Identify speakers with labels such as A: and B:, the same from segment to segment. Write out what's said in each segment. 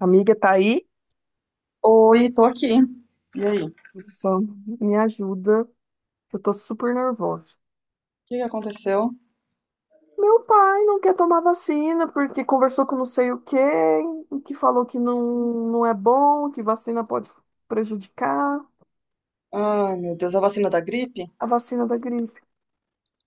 A: Amiga, tá aí?
B: Oi, tô aqui. E aí? O
A: Só me ajuda, que eu tô super nervosa.
B: que que aconteceu?
A: Meu pai não quer tomar vacina porque conversou com não sei o quê, que falou que não, não é bom, que vacina pode prejudicar
B: Ai, meu Deus, a vacina da gripe?
A: a vacina da gripe.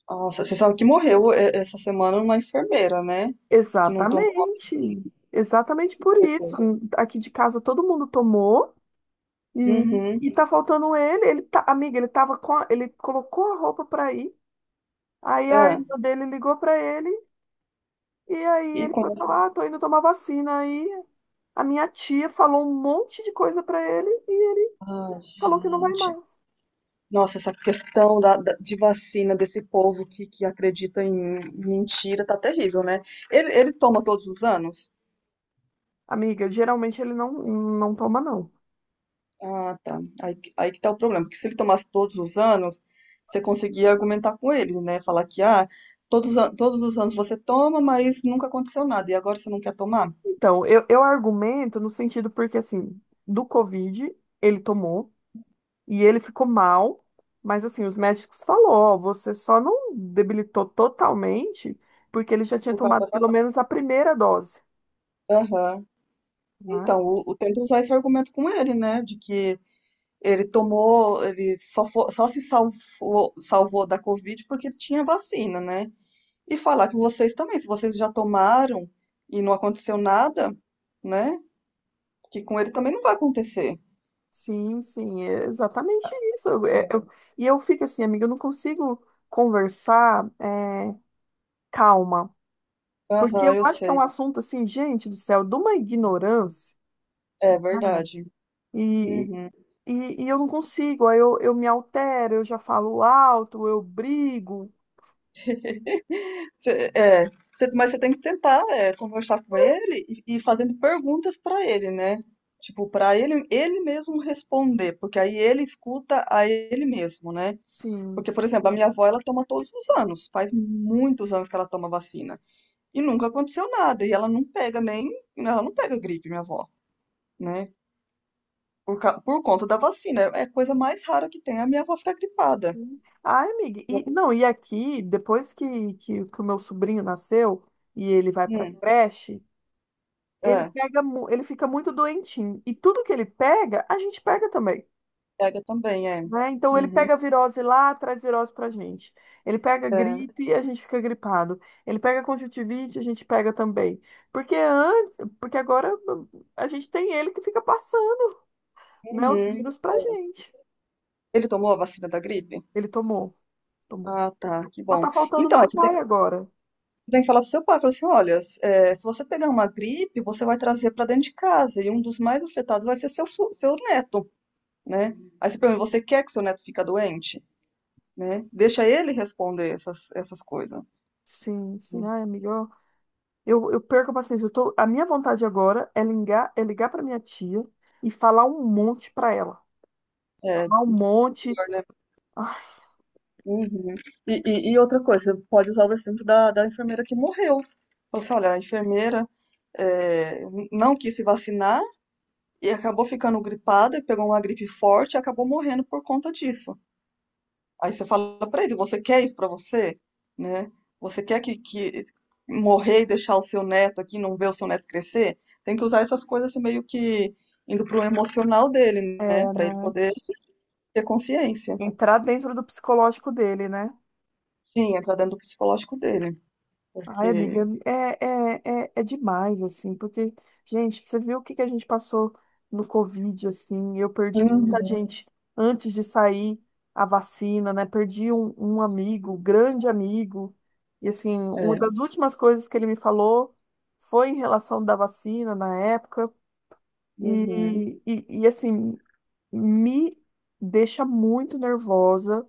B: Nossa, você sabe que morreu essa semana uma enfermeira, né? Que não tomou a
A: Exatamente. Exatamente por isso.
B: vacina.
A: Aqui de casa todo mundo tomou e,
B: Uhum.
A: e tá faltando ele. Ele tá, amiga, ele tava com, ele colocou a roupa pra ir. Aí a
B: É.
A: irmã dele ligou pra ele. E aí
B: E
A: ele foi
B: como assim?
A: falar, ah, tô indo tomar vacina. Aí a minha tia falou um monte de coisa pra ele e
B: Ai,
A: falou que não vai
B: gente.
A: mais.
B: Nossa, essa questão da, de vacina desse povo que acredita em mentira tá terrível, né? Ele toma todos os anos?
A: Amiga, geralmente ele não toma, não.
B: Ah, tá. Aí, aí que tá o problema, porque se ele tomasse todos os anos, você conseguia argumentar com ele, né? Falar que, ah, todos os anos você toma, mas nunca aconteceu nada, e agora você não quer tomar?
A: Então, eu argumento no sentido porque, assim, do Covid ele tomou e ele ficou mal, mas, assim, os médicos falou, ó, você só não debilitou totalmente porque ele já tinha
B: Por causa
A: tomado
B: da
A: pelo
B: vacina.
A: menos a primeira dose,
B: Aham.
A: né?
B: Então, tenta usar esse argumento com ele, né? De que ele tomou, ele só, só se salvou da Covid porque ele tinha vacina, né? E falar que vocês também, se vocês já tomaram e não aconteceu nada, né? Que com ele também não vai acontecer.
A: Sim, sim, é exatamente isso. E eu fico assim, amiga, eu não consigo conversar calma, porque
B: Aham,
A: eu
B: eu
A: acho que é um
B: sei.
A: assunto assim, gente do céu, de uma ignorância,
B: É
A: né?
B: verdade.
A: E,
B: Uhum.
A: e eu não consigo, aí eu me altero, eu já falo alto, eu brigo,
B: Cê- é, mas você tem que tentar conversar com ele e fazendo perguntas para ele, né? Tipo, para ele, ele mesmo responder, porque aí ele escuta a ele mesmo, né?
A: sim.
B: Porque, por
A: Sim.
B: exemplo, a minha avó, ela toma todos os anos, faz muitos anos que ela toma vacina e nunca aconteceu nada, e ela não pega nem, ela não pega gripe, minha avó, né? Por conta da vacina, é a coisa mais rara que tem, a minha avó fica gripada.
A: Ai, amiga, e, não, e aqui, depois que o meu sobrinho nasceu e ele vai pra
B: Hum,
A: creche. Ele
B: é,
A: pega, ele fica muito doentinho. E tudo que ele pega, a gente pega também,
B: pega também, é.
A: né? Então ele
B: Uhum,
A: pega a virose lá, traz virose pra gente. Ele pega
B: é.
A: gripe, a gente fica gripado. Ele pega conjuntivite, a gente pega também. Porque antes, porque agora a gente tem ele que fica passando, né, os
B: Uhum.
A: vírus pra
B: É.
A: gente.
B: Ele tomou a vacina da gripe?
A: Ele tomou, tomou.
B: Ah, tá, que
A: Só
B: bom.
A: tá faltando
B: Então, aí
A: meu
B: você tem,
A: pai agora.
B: você tem que falar pro seu pai, falar assim, olha, se você pegar uma gripe, você vai trazer para dentro de casa e um dos mais afetados vai ser seu neto, né? Aí você pergunta, você quer que seu neto fica doente? Né? Deixa ele responder essas coisas.
A: Sim, sim, ai, amiga, ó, eu perco a paciência. Eu tô, a minha vontade agora é ligar para minha tia e falar um monte pra ela.
B: É,
A: Um monte.
B: pior, né?
A: Ai,
B: Uhum. E outra coisa, você pode usar o exemplo da enfermeira que morreu. Falou assim, olha, a enfermeira não quis se vacinar, e acabou ficando gripada, pegou uma gripe forte e acabou morrendo por conta disso. Aí você fala pra ele, você quer isso pra você, né? Você quer que morrer e deixar o seu neto aqui, não ver o seu neto crescer? Tem que usar essas coisas assim, meio que indo pro emocional dele, né?
A: é,
B: Pra ele
A: né?
B: poder ter consciência.
A: Entrar dentro do psicológico dele, né?
B: Sim, entrar dentro do psicológico dele,
A: Ai,
B: porque
A: amiga, é demais, assim, porque, gente, você viu o que que a gente passou no Covid, assim, eu perdi tanta
B: uhum.
A: gente antes de sair a vacina, né? Perdi um amigo, grande amigo, e, assim, uma
B: É,
A: das últimas coisas que ele me falou foi em relação da vacina na época,
B: uhum,
A: e assim, me deixa muito nervosa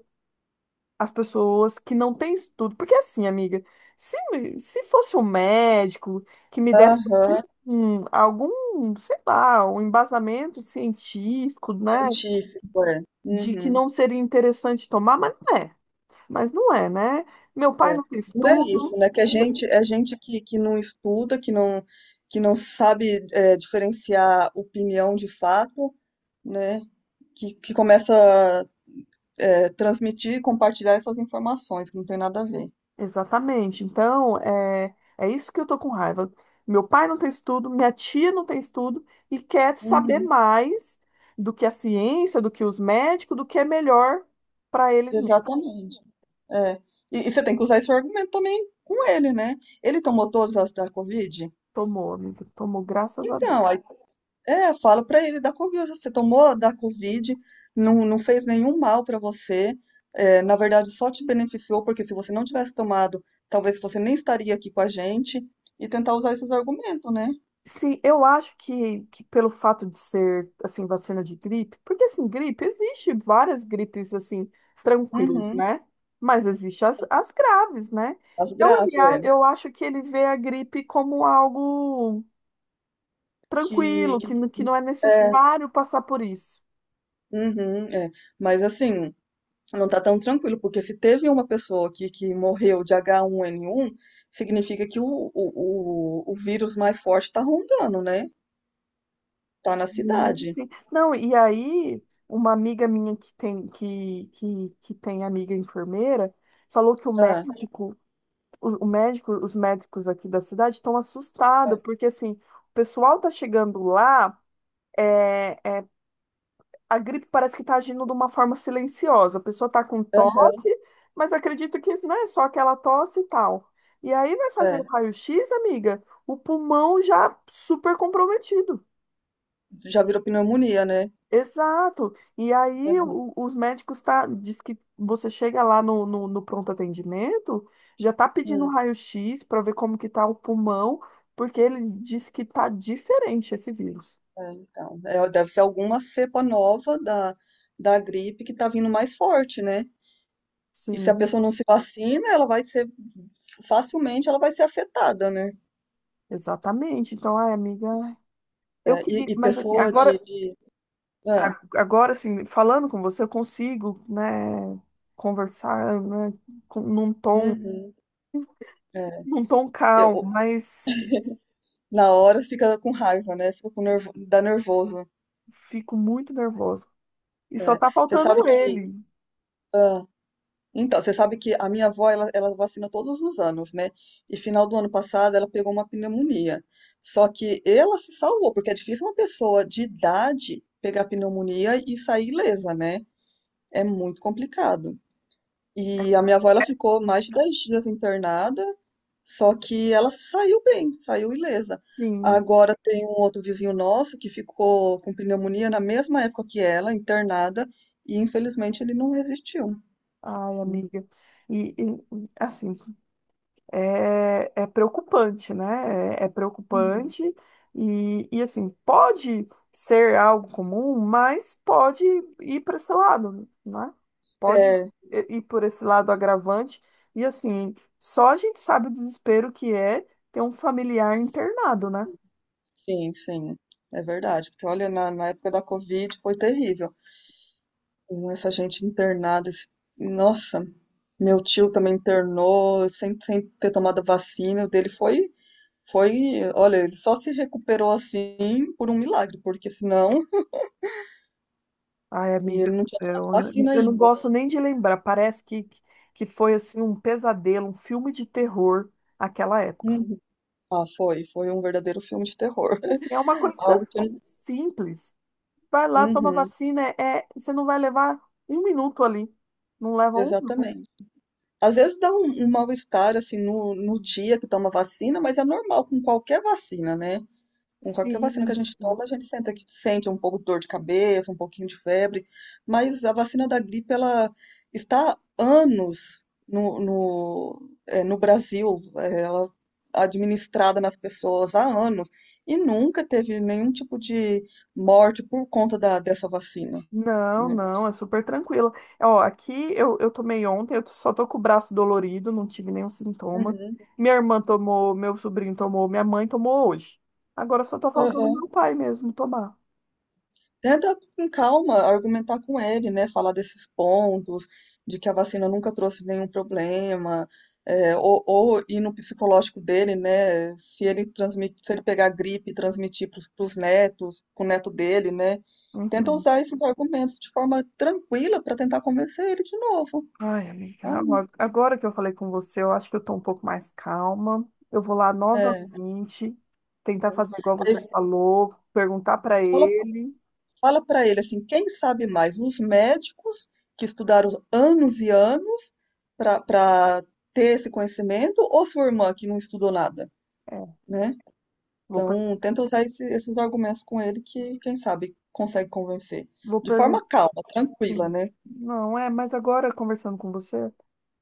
A: as pessoas que não têm estudo. Porque assim, amiga, se, se fosse um médico que me desse
B: aham,
A: algum, sei lá, um embasamento científico, né,
B: científico, é,
A: de que
B: uhum.
A: não seria interessante tomar, mas não é. Mas não é, né? Meu pai não tem
B: Não é isso,
A: estudo.
B: né? Que a gente, é gente que não estuda, que não sabe diferenciar opinião de fato, né? Que começa a transmitir e compartilhar essas informações, que não tem nada a ver.
A: Exatamente. Então, é isso que eu tô com raiva. Meu pai não tem estudo, minha tia não tem estudo e quer saber
B: Uhum,
A: mais do que a ciência, do que os médicos, do que é melhor para eles mesmos.
B: exatamente. É. E você tem que usar esse argumento também com ele, né? Ele tomou todas as da Covid?
A: Tomou, amiga, tomou, graças a Deus.
B: Então, aí é, fala pra ele da Covid. Você tomou a da Covid, não, não fez nenhum mal pra você. É, na verdade, só te beneficiou, porque se você não tivesse tomado, talvez você nem estaria aqui com a gente. E tentar usar esses argumentos, né?
A: Sim, eu acho que pelo fato de ser, assim, vacina de gripe, porque, assim, gripe, existe várias gripes, assim, tranquilas,
B: Uhum.
A: né? Mas existe as graves, né?
B: As
A: Então, ele,
B: graves, é.
A: eu acho que ele vê a gripe como algo
B: Que,
A: tranquilo,
B: que,
A: que não é
B: é,
A: necessário passar por isso.
B: uhum, é. Mas assim, não tá tão tranquilo, porque se teve uma pessoa aqui que morreu de H1N1, significa que o vírus mais forte tá rondando, né? Tá na
A: Sim,
B: cidade.
A: sim. Não, e aí, uma amiga minha que tem, que tem amiga enfermeira falou que o
B: Ah,
A: médico, o médico, os médicos aqui da cidade estão assustados,
B: ah.
A: porque assim, o pessoal tá chegando lá. eh, a gripe parece que está agindo de uma forma silenciosa. A pessoa está com
B: Aham,
A: tosse, mas acredito que não é só aquela tosse e tal. E aí vai fazer o
B: é.
A: raio-x, amiga, o pulmão já super comprometido.
B: Já virou pneumonia, né?
A: Exato. E aí
B: Aham,
A: os médicos tá, diz que você chega lá no pronto atendimento, já tá pedindo
B: hum,
A: raio-x para ver como que tá o pulmão, porque ele disse que tá diferente esse vírus.
B: é, então, é, deve ser alguma cepa nova da gripe que tá vindo mais forte, né? E se a
A: Sim,
B: pessoa não se vacina, facilmente ela vai ser afetada, né?
A: exatamente. Então, ai, amiga, eu
B: É, e,
A: queria,
B: e
A: mas assim,
B: pessoa
A: agora
B: é,
A: Agora, assim, falando com você, eu consigo, né, conversar, né, com- num tom,
B: uhum, é.
A: num tom calmo,
B: Eu-
A: mas
B: Na hora fica com raiva, né? Fica com nervo, dá nervoso.
A: fico muito nervosa. E só
B: É.
A: tá
B: Você sabe
A: faltando
B: que
A: ele.
B: ah, Então, você sabe que a minha avó, ela vacina todos os anos, né? E final do ano passado ela pegou uma pneumonia. Só que ela se salvou, porque é difícil uma pessoa de idade pegar pneumonia e sair ilesa, né? É muito complicado.
A: É,
B: E a minha avó, ela ficou mais de 10 dias internada, só que ela saiu bem, saiu ilesa.
A: sim,
B: Agora tem um outro vizinho nosso que ficou com pneumonia na mesma época que ela, internada, e infelizmente ele não resistiu.
A: ai, amiga. E assim, é, é preocupante, né? É, é
B: Uhum.
A: preocupante e, assim, pode ser algo comum, mas pode ir para esse lado, né? Pode ir por esse lado agravante e, assim, só a gente sabe o desespero que é ter um familiar internado, né?
B: Sim, sim, é verdade. Porque olha, na época da Covid foi terrível. Com essa gente internada, nossa, meu tio também internou sem ter tomado vacina. O dele foi, foi, olha, ele só se recuperou assim por um milagre, porque senão,
A: Ai,
B: e
A: amiga
B: ele
A: do
B: não tinha tomado
A: céu,
B: vacina
A: eu não
B: ainda.
A: gosto nem de lembrar. Parece que foi assim um pesadelo, um filme de terror aquela época.
B: Uhum. Ah, foi um verdadeiro filme de terror.
A: Assim, é uma coisa
B: Algo que eu
A: simples. Vai lá, toma
B: uhum,
A: vacina, você não vai levar um minuto ali. Não leva um.
B: exatamente. Às vezes dá um mal-estar assim no dia que toma vacina, mas é normal com qualquer vacina, né? Com qualquer vacina que
A: Sim.
B: a gente toma, a gente sente um pouco de dor de cabeça, um pouquinho de febre, mas a vacina da gripe, ela está há anos no Brasil, ela administrada nas pessoas há anos, e nunca teve nenhum tipo de morte por conta dessa vacina,
A: Não,
B: né?
A: não, é super tranquilo. Ó, aqui eu tomei ontem, eu só tô com o braço dolorido, não tive nenhum sintoma.
B: Uhum.
A: Minha irmã tomou, meu sobrinho tomou, minha mãe tomou hoje. Agora só tá faltando
B: Aham.
A: meu pai mesmo tomar.
B: Tenta com calma argumentar com ele, né? Falar desses pontos, de que a vacina nunca trouxe nenhum problema, ou ir no psicológico dele, né? Se ele pegar gripe e transmitir para os netos, pro neto dele, né? Tenta
A: Uhum.
B: usar esses argumentos de forma tranquila para tentar convencer ele de novo.
A: Ai, amiga,
B: Aí,
A: agora que eu falei com você, eu acho que eu tô um pouco mais calma. Eu vou lá
B: é.
A: novamente, tentar fazer igual você
B: Aí
A: falou, perguntar pra
B: fala
A: ele.
B: Fala para ele assim, quem sabe mais, os médicos que estudaram anos e anos para ter esse conhecimento, ou sua irmã que não estudou nada,
A: É,
B: né?
A: vou, per-
B: Então, tenta usar esses argumentos com ele que, quem sabe, consegue convencer.
A: vou
B: De
A: perguntar,
B: forma calma, tranquila,
A: sim.
B: né?
A: Não, é, mas agora conversando com você,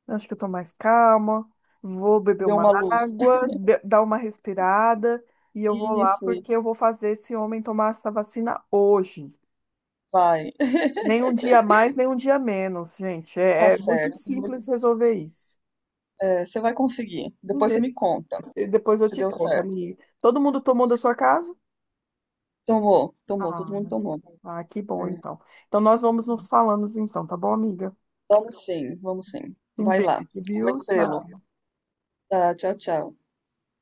A: eu acho que eu tô mais calma, vou beber
B: Deu
A: uma
B: uma luz.
A: água, dar uma respirada e eu
B: Isso,
A: vou lá porque
B: isso.
A: eu vou fazer esse homem tomar essa vacina hoje.
B: Vai,
A: Nem um dia a mais, nem um dia a menos, gente.
B: tá
A: É, é muito
B: certo.
A: simples resolver isso.
B: É, você vai conseguir. Depois você me conta
A: E depois eu
B: se
A: te
B: deu
A: conto,
B: certo.
A: amiga. Todo mundo tomou da sua casa?
B: Tomou, tomou, todo
A: Ah,
B: mundo tomou.
A: ah, que
B: É,
A: bom, então. Então nós vamos nos falando, então, tá bom, amiga?
B: vamos sim, vamos sim.
A: Um
B: Vai
A: beijo,
B: lá,
A: viu?
B: convencê-lo.
A: Tchau.
B: Tá, tchau, tchau.